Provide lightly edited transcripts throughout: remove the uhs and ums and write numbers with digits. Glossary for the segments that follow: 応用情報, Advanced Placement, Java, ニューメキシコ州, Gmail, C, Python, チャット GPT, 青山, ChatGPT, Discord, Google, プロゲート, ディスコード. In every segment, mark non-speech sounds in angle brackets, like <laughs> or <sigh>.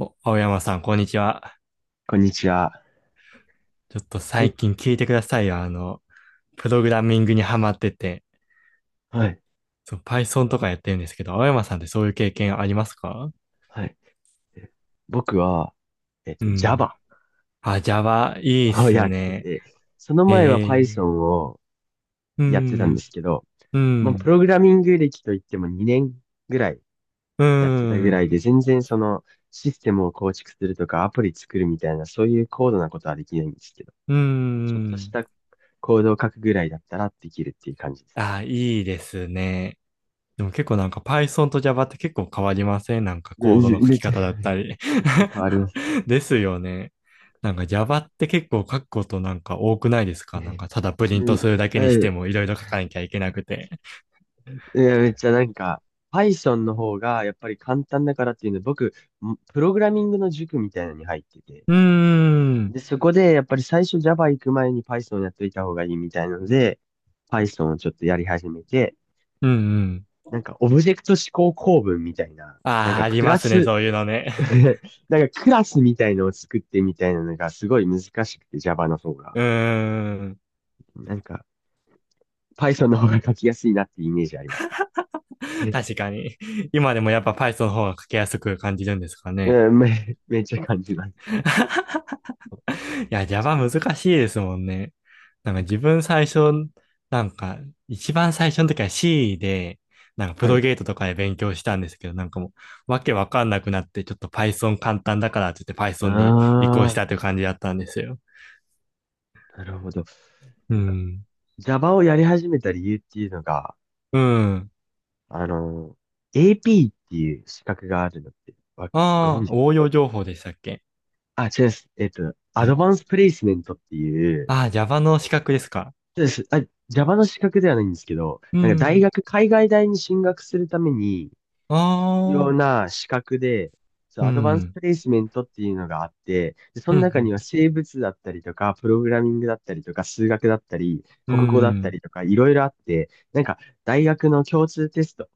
お、青山さん、こんにちは。こんにちは。ちょっとはい。最近聞いてくださいよ。プログラミングにハマってて、はい。そう、Python とかやってるんですけど、青山さんってそういう経験ありますか？はい。僕は、うん。Java あ、Java、いいっをすやってね。て、そのえ前は ー Python をうやってたんでん、すけど、うまあ、プん、ログラミング歴といっても2年ぐらいうやってたぐらん、いで、全然そのシステムを構築するとかアプリ作るみたいな、そういう高度なことはできないんですけど、うちょっとしん。たコードを書くぐらいだったらできるっていう感じです。あ、いいですね。でも結構なんか Python と Java って結構変わりません？なんかめコーめっドちのゃ、書めっき方だったり。 ちゃ変わります。<laughs> ですよね。なんか Java って結構書くことなんか多くないですか？なんか <laughs> ただプリうントん、するだけにしてもいろいろ書かなきゃいけなくて。いや、めっちゃなんか、Python の方がやっぱり簡単だからっていうので、僕、プログラミングの塾みたいなのに入ってて、うーん。で、そこでやっぱり最初 Java 行く前に Python やっといた方がいいみたいなので、Python をちょっとやり始めて、うんうん。なんかオブジェクト指向構文みたいな、なんああ、かありクまラすね、ス そういうのね。<laughs> <laughs> なんかクラスみたいのを作ってみたいなのがすごい難しくて Java の方が。うーん。なんか Python の方が書きやすいなっていうイメージありますね。<laughs> 確かに。今でもやっぱ Python の方が書きやすく感じるんですかね？うん、めっちゃ感じます。いや、Java 難しいですもんね。なんなかんか、自分最初、なんか一番最初の時は C で、なんかプはロい。ゲートとかで勉強したんですけど、なんかもうわけわかんなくなって、ちょっと Python 簡単だからって言って Python に移行しああ、たという感じだったんですよ。なるほど。うなんか、ん。Java をやり始めた理由っていうのが、うん。あの、AP っていう資格があるのって、ご存ああ、知です？応用情報でしたっけ？あ、違います。アドねバンスプレイスメントっていう、ああー、 Java の資格ですか？そうです。あ、Java の資格ではないんですけど、うなんか大ん。学、海外大に進学するために、あ必要あ、な資格で、そう、うアドバンスん。プレイスメントっていうのがあって、で、そうん。のう中にん。は生物だったりとか、プログラミングだったりとか、数学だったり、う国語だったん。りとか、いろいろあって、なんか、大学の共通テスト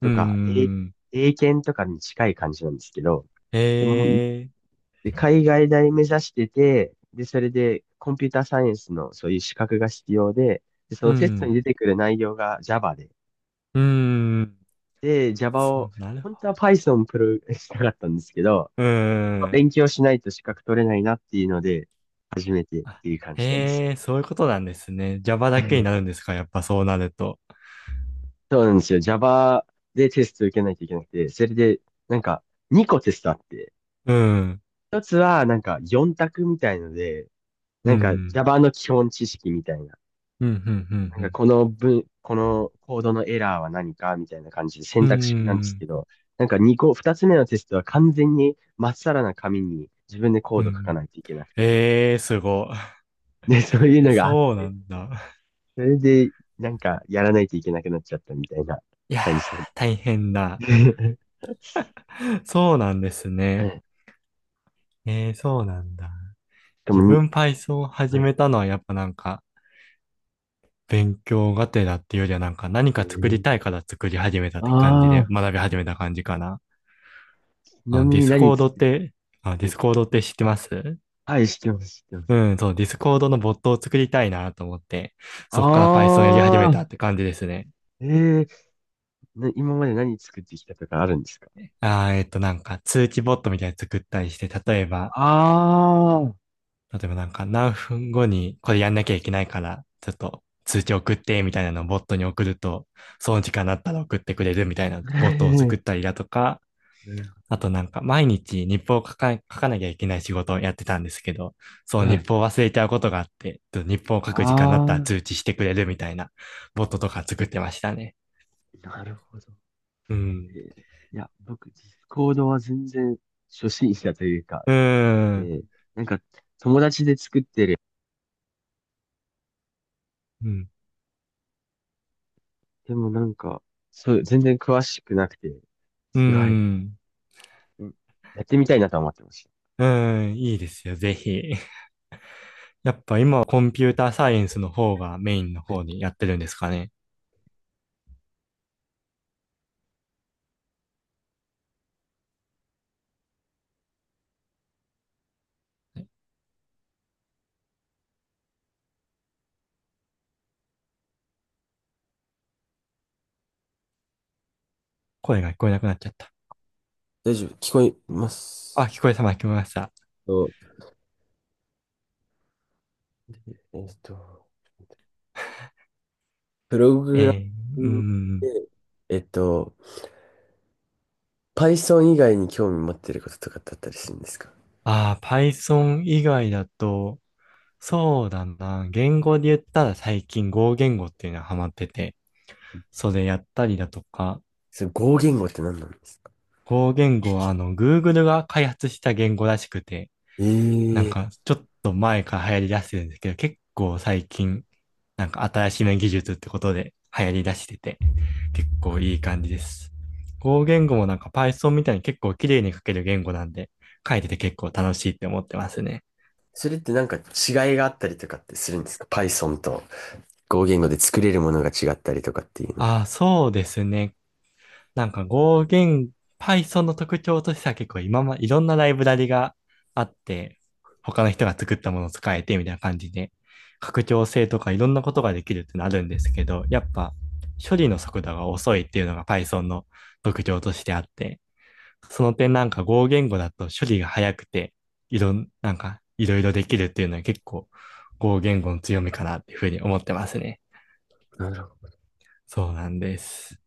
うとか、ん。英検とかに近い感じなんですけど、で、ええ。で、海外大目指してて、で、それで、コンピューターサイエンスのそういう資格が必要で、で、そうのテストにん。出てくる内容が Java で、うん。で、あ、 Java そを、うなるほ本当は Python したかったんですけど、ど。うーん。勉強しないと資格取れないなっていうので、初めてっあ、ていう感じなんです。へえ、そういうことなんですね。Java だはけにい。なるんですか、やっぱそうなると？そうなんですよ。Java でテスト受けないといけなくて、それで、なんか、2個テストあって、うん。1つは、なんか、4択みたいので、うなんか、ん。Java の基本知識みたいなうん、うん、うなんかん、この文、このコードのエラーは何かみたいな感じで選うん。う択式なんですけん。ど、なんか2つ目のテストは完全にまっさらな紙に自分でコーうド書かんないといけなくて。ええ、すごい。で、そういうのがあっそうなて、んだ。それでなんかやらないといけなくなっちゃったみたいないやー、感じで。大変だ。<laughs> そうなんですはね。い。しえー、そうなんだ。かも自に、分 Python を始はい。めたのはやっぱ勉強がてらっていうよりはなんか何えか作りー、たいから作り始めたって感じでああ、学び始めた感じかな。ちあなの、みディにス何コードっ作って、て、あ、デはィい。スコードって知ってます？はい、知ってます、知ってまうす。ん、そう、ディスコードのボットを作りたいなと思って、あそこから Python やり始めたっあ、て感じですね。ええ、ー、今まで何作ってきたとかあるんですか？あー、なんか通知ボットみたいに作ったりして、あ、例えばなんか何分後にこれやんなきゃいけないから、ちょっと通知送ってみたいなのをボットに送ると、その時間だったら送ってくれるみたいなボットをえ作ったえ、りだとか、あとなんか毎日日報を書かなきゃいけない仕事をやってたんですけど、そうは日い。報を忘れちゃうことがあって、と日報を書く時間になっあたらあ、通知してくれるみたいなボットとか作ってましたね。なるほど。うえん。ーいや、僕、ディスコードは全然初心者というか、うーえん。ーなんか、友達で作ってる。うん。でもなんか、そう、全然詳しくなくて、うーすごい、ん。うん、やってみたいなとは思ってましういいですよ、ぜひ。<laughs> やっぱ今はコンピューターサイエンスの方がメインのた。う方ん、にやってるんですかね？声が聞こえなくなっちゃった。大丈夫、聞こえまあ、す。聞こえた、聞こえました。とえっと、プロえグラー、うミーングん。で、えっと、Python 以外に興味持ってることとかあったりするんですか？ああ、Python 以外だと、そうだな。言語で言ったら最近語言語っていうのはハマってて、それやったりだとか、それ合言語って何なんですか？語言語はあの Google が開発した言語らしくて、なんええ、かちょっと前から流行り出してるんですけど、結構最近、なんか新しめ技術ってことで流行り出してて、結構いい感じです。語言語もなんか Python みたいに結構綺麗に書ける言語なんで、書いてて結構楽しいって思ってますね。それってなんか違いがあったりとかってするんですか？ Python と合言語で作れるものが違ったりとかっていうのは。ああ、そうですね。なんか語源、Python の特徴としては結構いろんなライブラリがあって、他の人が作ったものを使えてみたいな感じで、拡張性とかいろんなことができるってなるんですけど、やっぱ処理の速度が遅いっていうのが Python の特徴としてあって、その点なんか語言語だと処理が早くて、いろん、なんかいろいろできるっていうのは結構語言語の強みかなっていうふうに思ってますね。なるほど。そうなんです。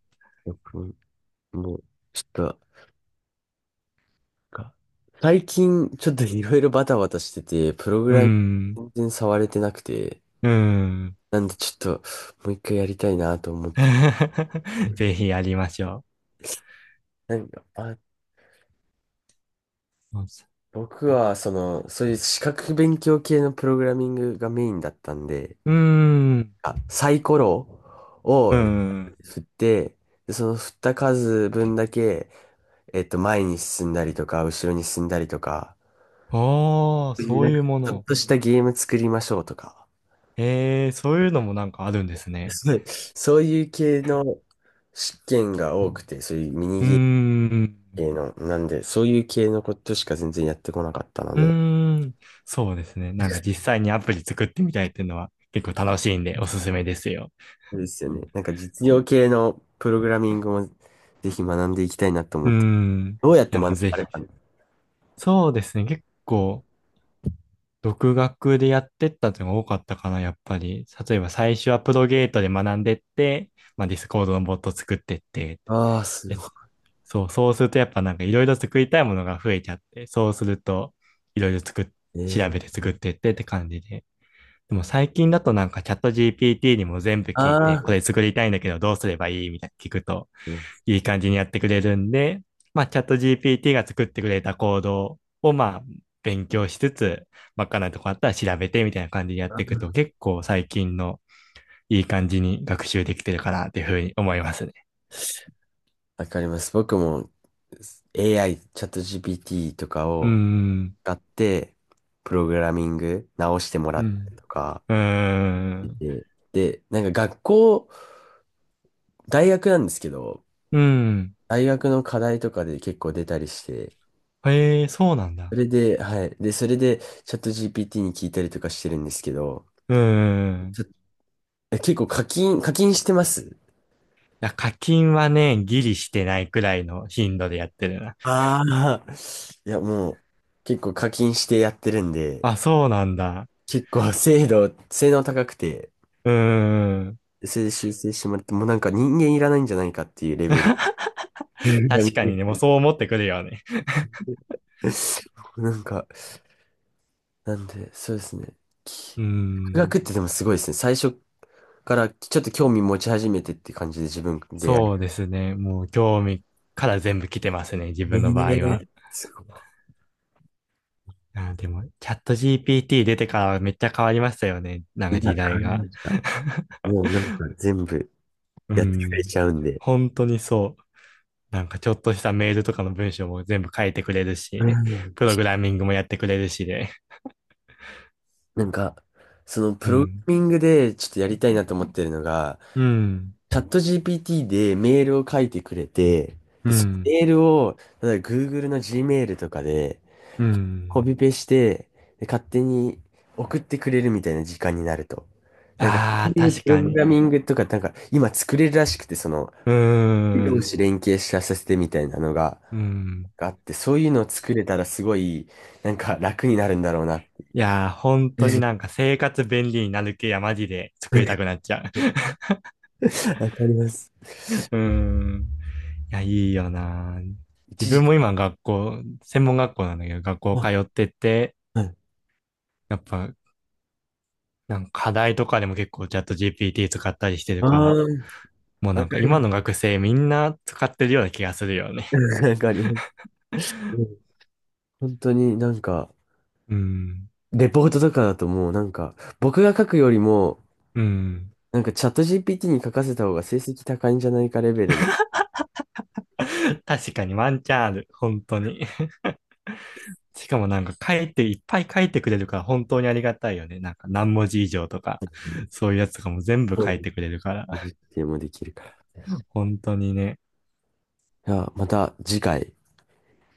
僕、もう、ちょっと、か最近、ちょっといろいろバタバタしてて、プログうーラミん、ング全然触れてなくて、うーん。なんでちょっと、もう一回やりたいなと思って。<laughs> ぜひやりましょなんか、あ、う。僕は、その、そういう資格勉強系のプログラミングがメインだったんで、うーん。あ、サイコロうをん。振って、で、その振った数分だけ、前に進んだりとか、後ろに進んだりとか、ああ、そういうそなうんいか、うもちょっの。としたゲーム作りましょうとか、ええ、そういうのもなんかあるんですね。そうそういう系の試験が多くて、そういうミニうーゲん。系の、なんで、そういう系のことしか全然やってこなかったのうで、ーん。そうですね。なんか実際にアプリ作ってみたいっていうのは結構楽しいんでおすすめですよ。そうですよね。なんか実用系のプログラミングもぜひ学んでいきたいなと思って。いどうやってや、も学うぜばれひ。たの？そうですね。結構、独学でやってったっていうのが多かったかな、やっぱり。例えば最初はプロゲートで学んでって、まあディスコードのボット作ってって、ああー、<laughs> すでごそう、そうするとやっぱなんかいろいろ作りたいものが増えちゃって、そうするといろいろ作っ、い。調べて作ってって感じで。でも最近だとなんかチャット GPT にも全部聞いて、こあれ作りたいんだけどどうすればいいみたいな聞くといや、いい感じにやってくれるんで、まあチャット GPT が作ってくれたコードをまあ勉強しつつ、わかないとこあったら調べてみたいな感じでやっあていくとー、結構最近のいい感じに学習できてるかなっていうふうに思いますね。わかります。僕も AI、チャット GPT とかうーをん。使って、プログラミング直してもらうったりとん。かうーしん。てて、で、なんか学校、大学なんですけど、うん。大学の課題とかで結構出たりして、へえ、そうなんそだ。れで、はい。で、それで、チャット GPT に聞いたりとかしてるんですけど、うーちょいえ結構課金してます？や、課金はね、ギリしてないくらいの頻度でやってるな。ああー、いや、もう、結構課金してやってるんで、あ、そうなんだ。結構 <laughs> 精度、性能高くて、うーん。それで修正してもらって、もうなんか人間いらないんじゃないかっていうレベル。確かにね、もう <laughs> そう思ってくるよね。なんか、なんで、そうですね。うきー独ん。学ってでもすごいですね。最初からちょっと興味持ち始めてって感じで自分でやそうる。ですね。もう興味から全部来てますね、自え分の場合は。え、すごい。あ、でも、チャット GPT 出てからめっちゃ変わりましたよね。なんいかや、時変わ代りが。ました。もうなんか全部 <laughs> うやってくれん。ちゃうん <laughs> で。本当にそう。なんかちょっとしたメールとかの文章も全部書いてくれるはい、し、はい、はい。プログラミングもやってくれるしで。なんか、そのうプログん。ラミングでちょっとやりたいなと思ってるのが、うん。チャット GPT でメールを書いてくれて、うで、そのん。メールを、例えば Google の Gmail とかでうコピん。ペして、で、勝手に送ってくれるみたいな時間になると。なんか、そうああ、いう確プロかグラに。ミングとか、なんか今作れるらしくて、その、うー同ん。士連携させてみたいなのが、うん。があって、そういうのを作れたらすごい、なんか楽になるんだろうな。いやー、本当になんか <laughs> 生活便利になる系やマジで作りたくなっちゃう。わかります。<laughs> うーん。いや、いいよなー。自一分時、も今学校、専門学校なんだけど、学校通あ、ってて、はい。やっぱ、なんか課題とかでも結構チャット GPT 使ったりしてるあかあ、ら、もうなわんかかり今ます。の学生みんな使ってるような気がするよね。<laughs> わかります。うん、本当になんか、うん。レポートとかだともうなんか、僕が書くよりも、うん。なんかチャット GPT に書かせた方が成績高いんじゃないかレベルの、<laughs> 確かにワンチャンある。本当に。<laughs> しかもなんか書いて、いっぱい書いてくれるから本当にありがたいよね。なんか何文字以上とか、そういうやつとかも全部そう書ないんでてくれるから。す。実 <laughs> 験もできるから、じ本当にね。ゃあ、また次回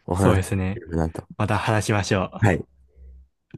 おそ話うしですできね。ればなと。また話しましょう。はい。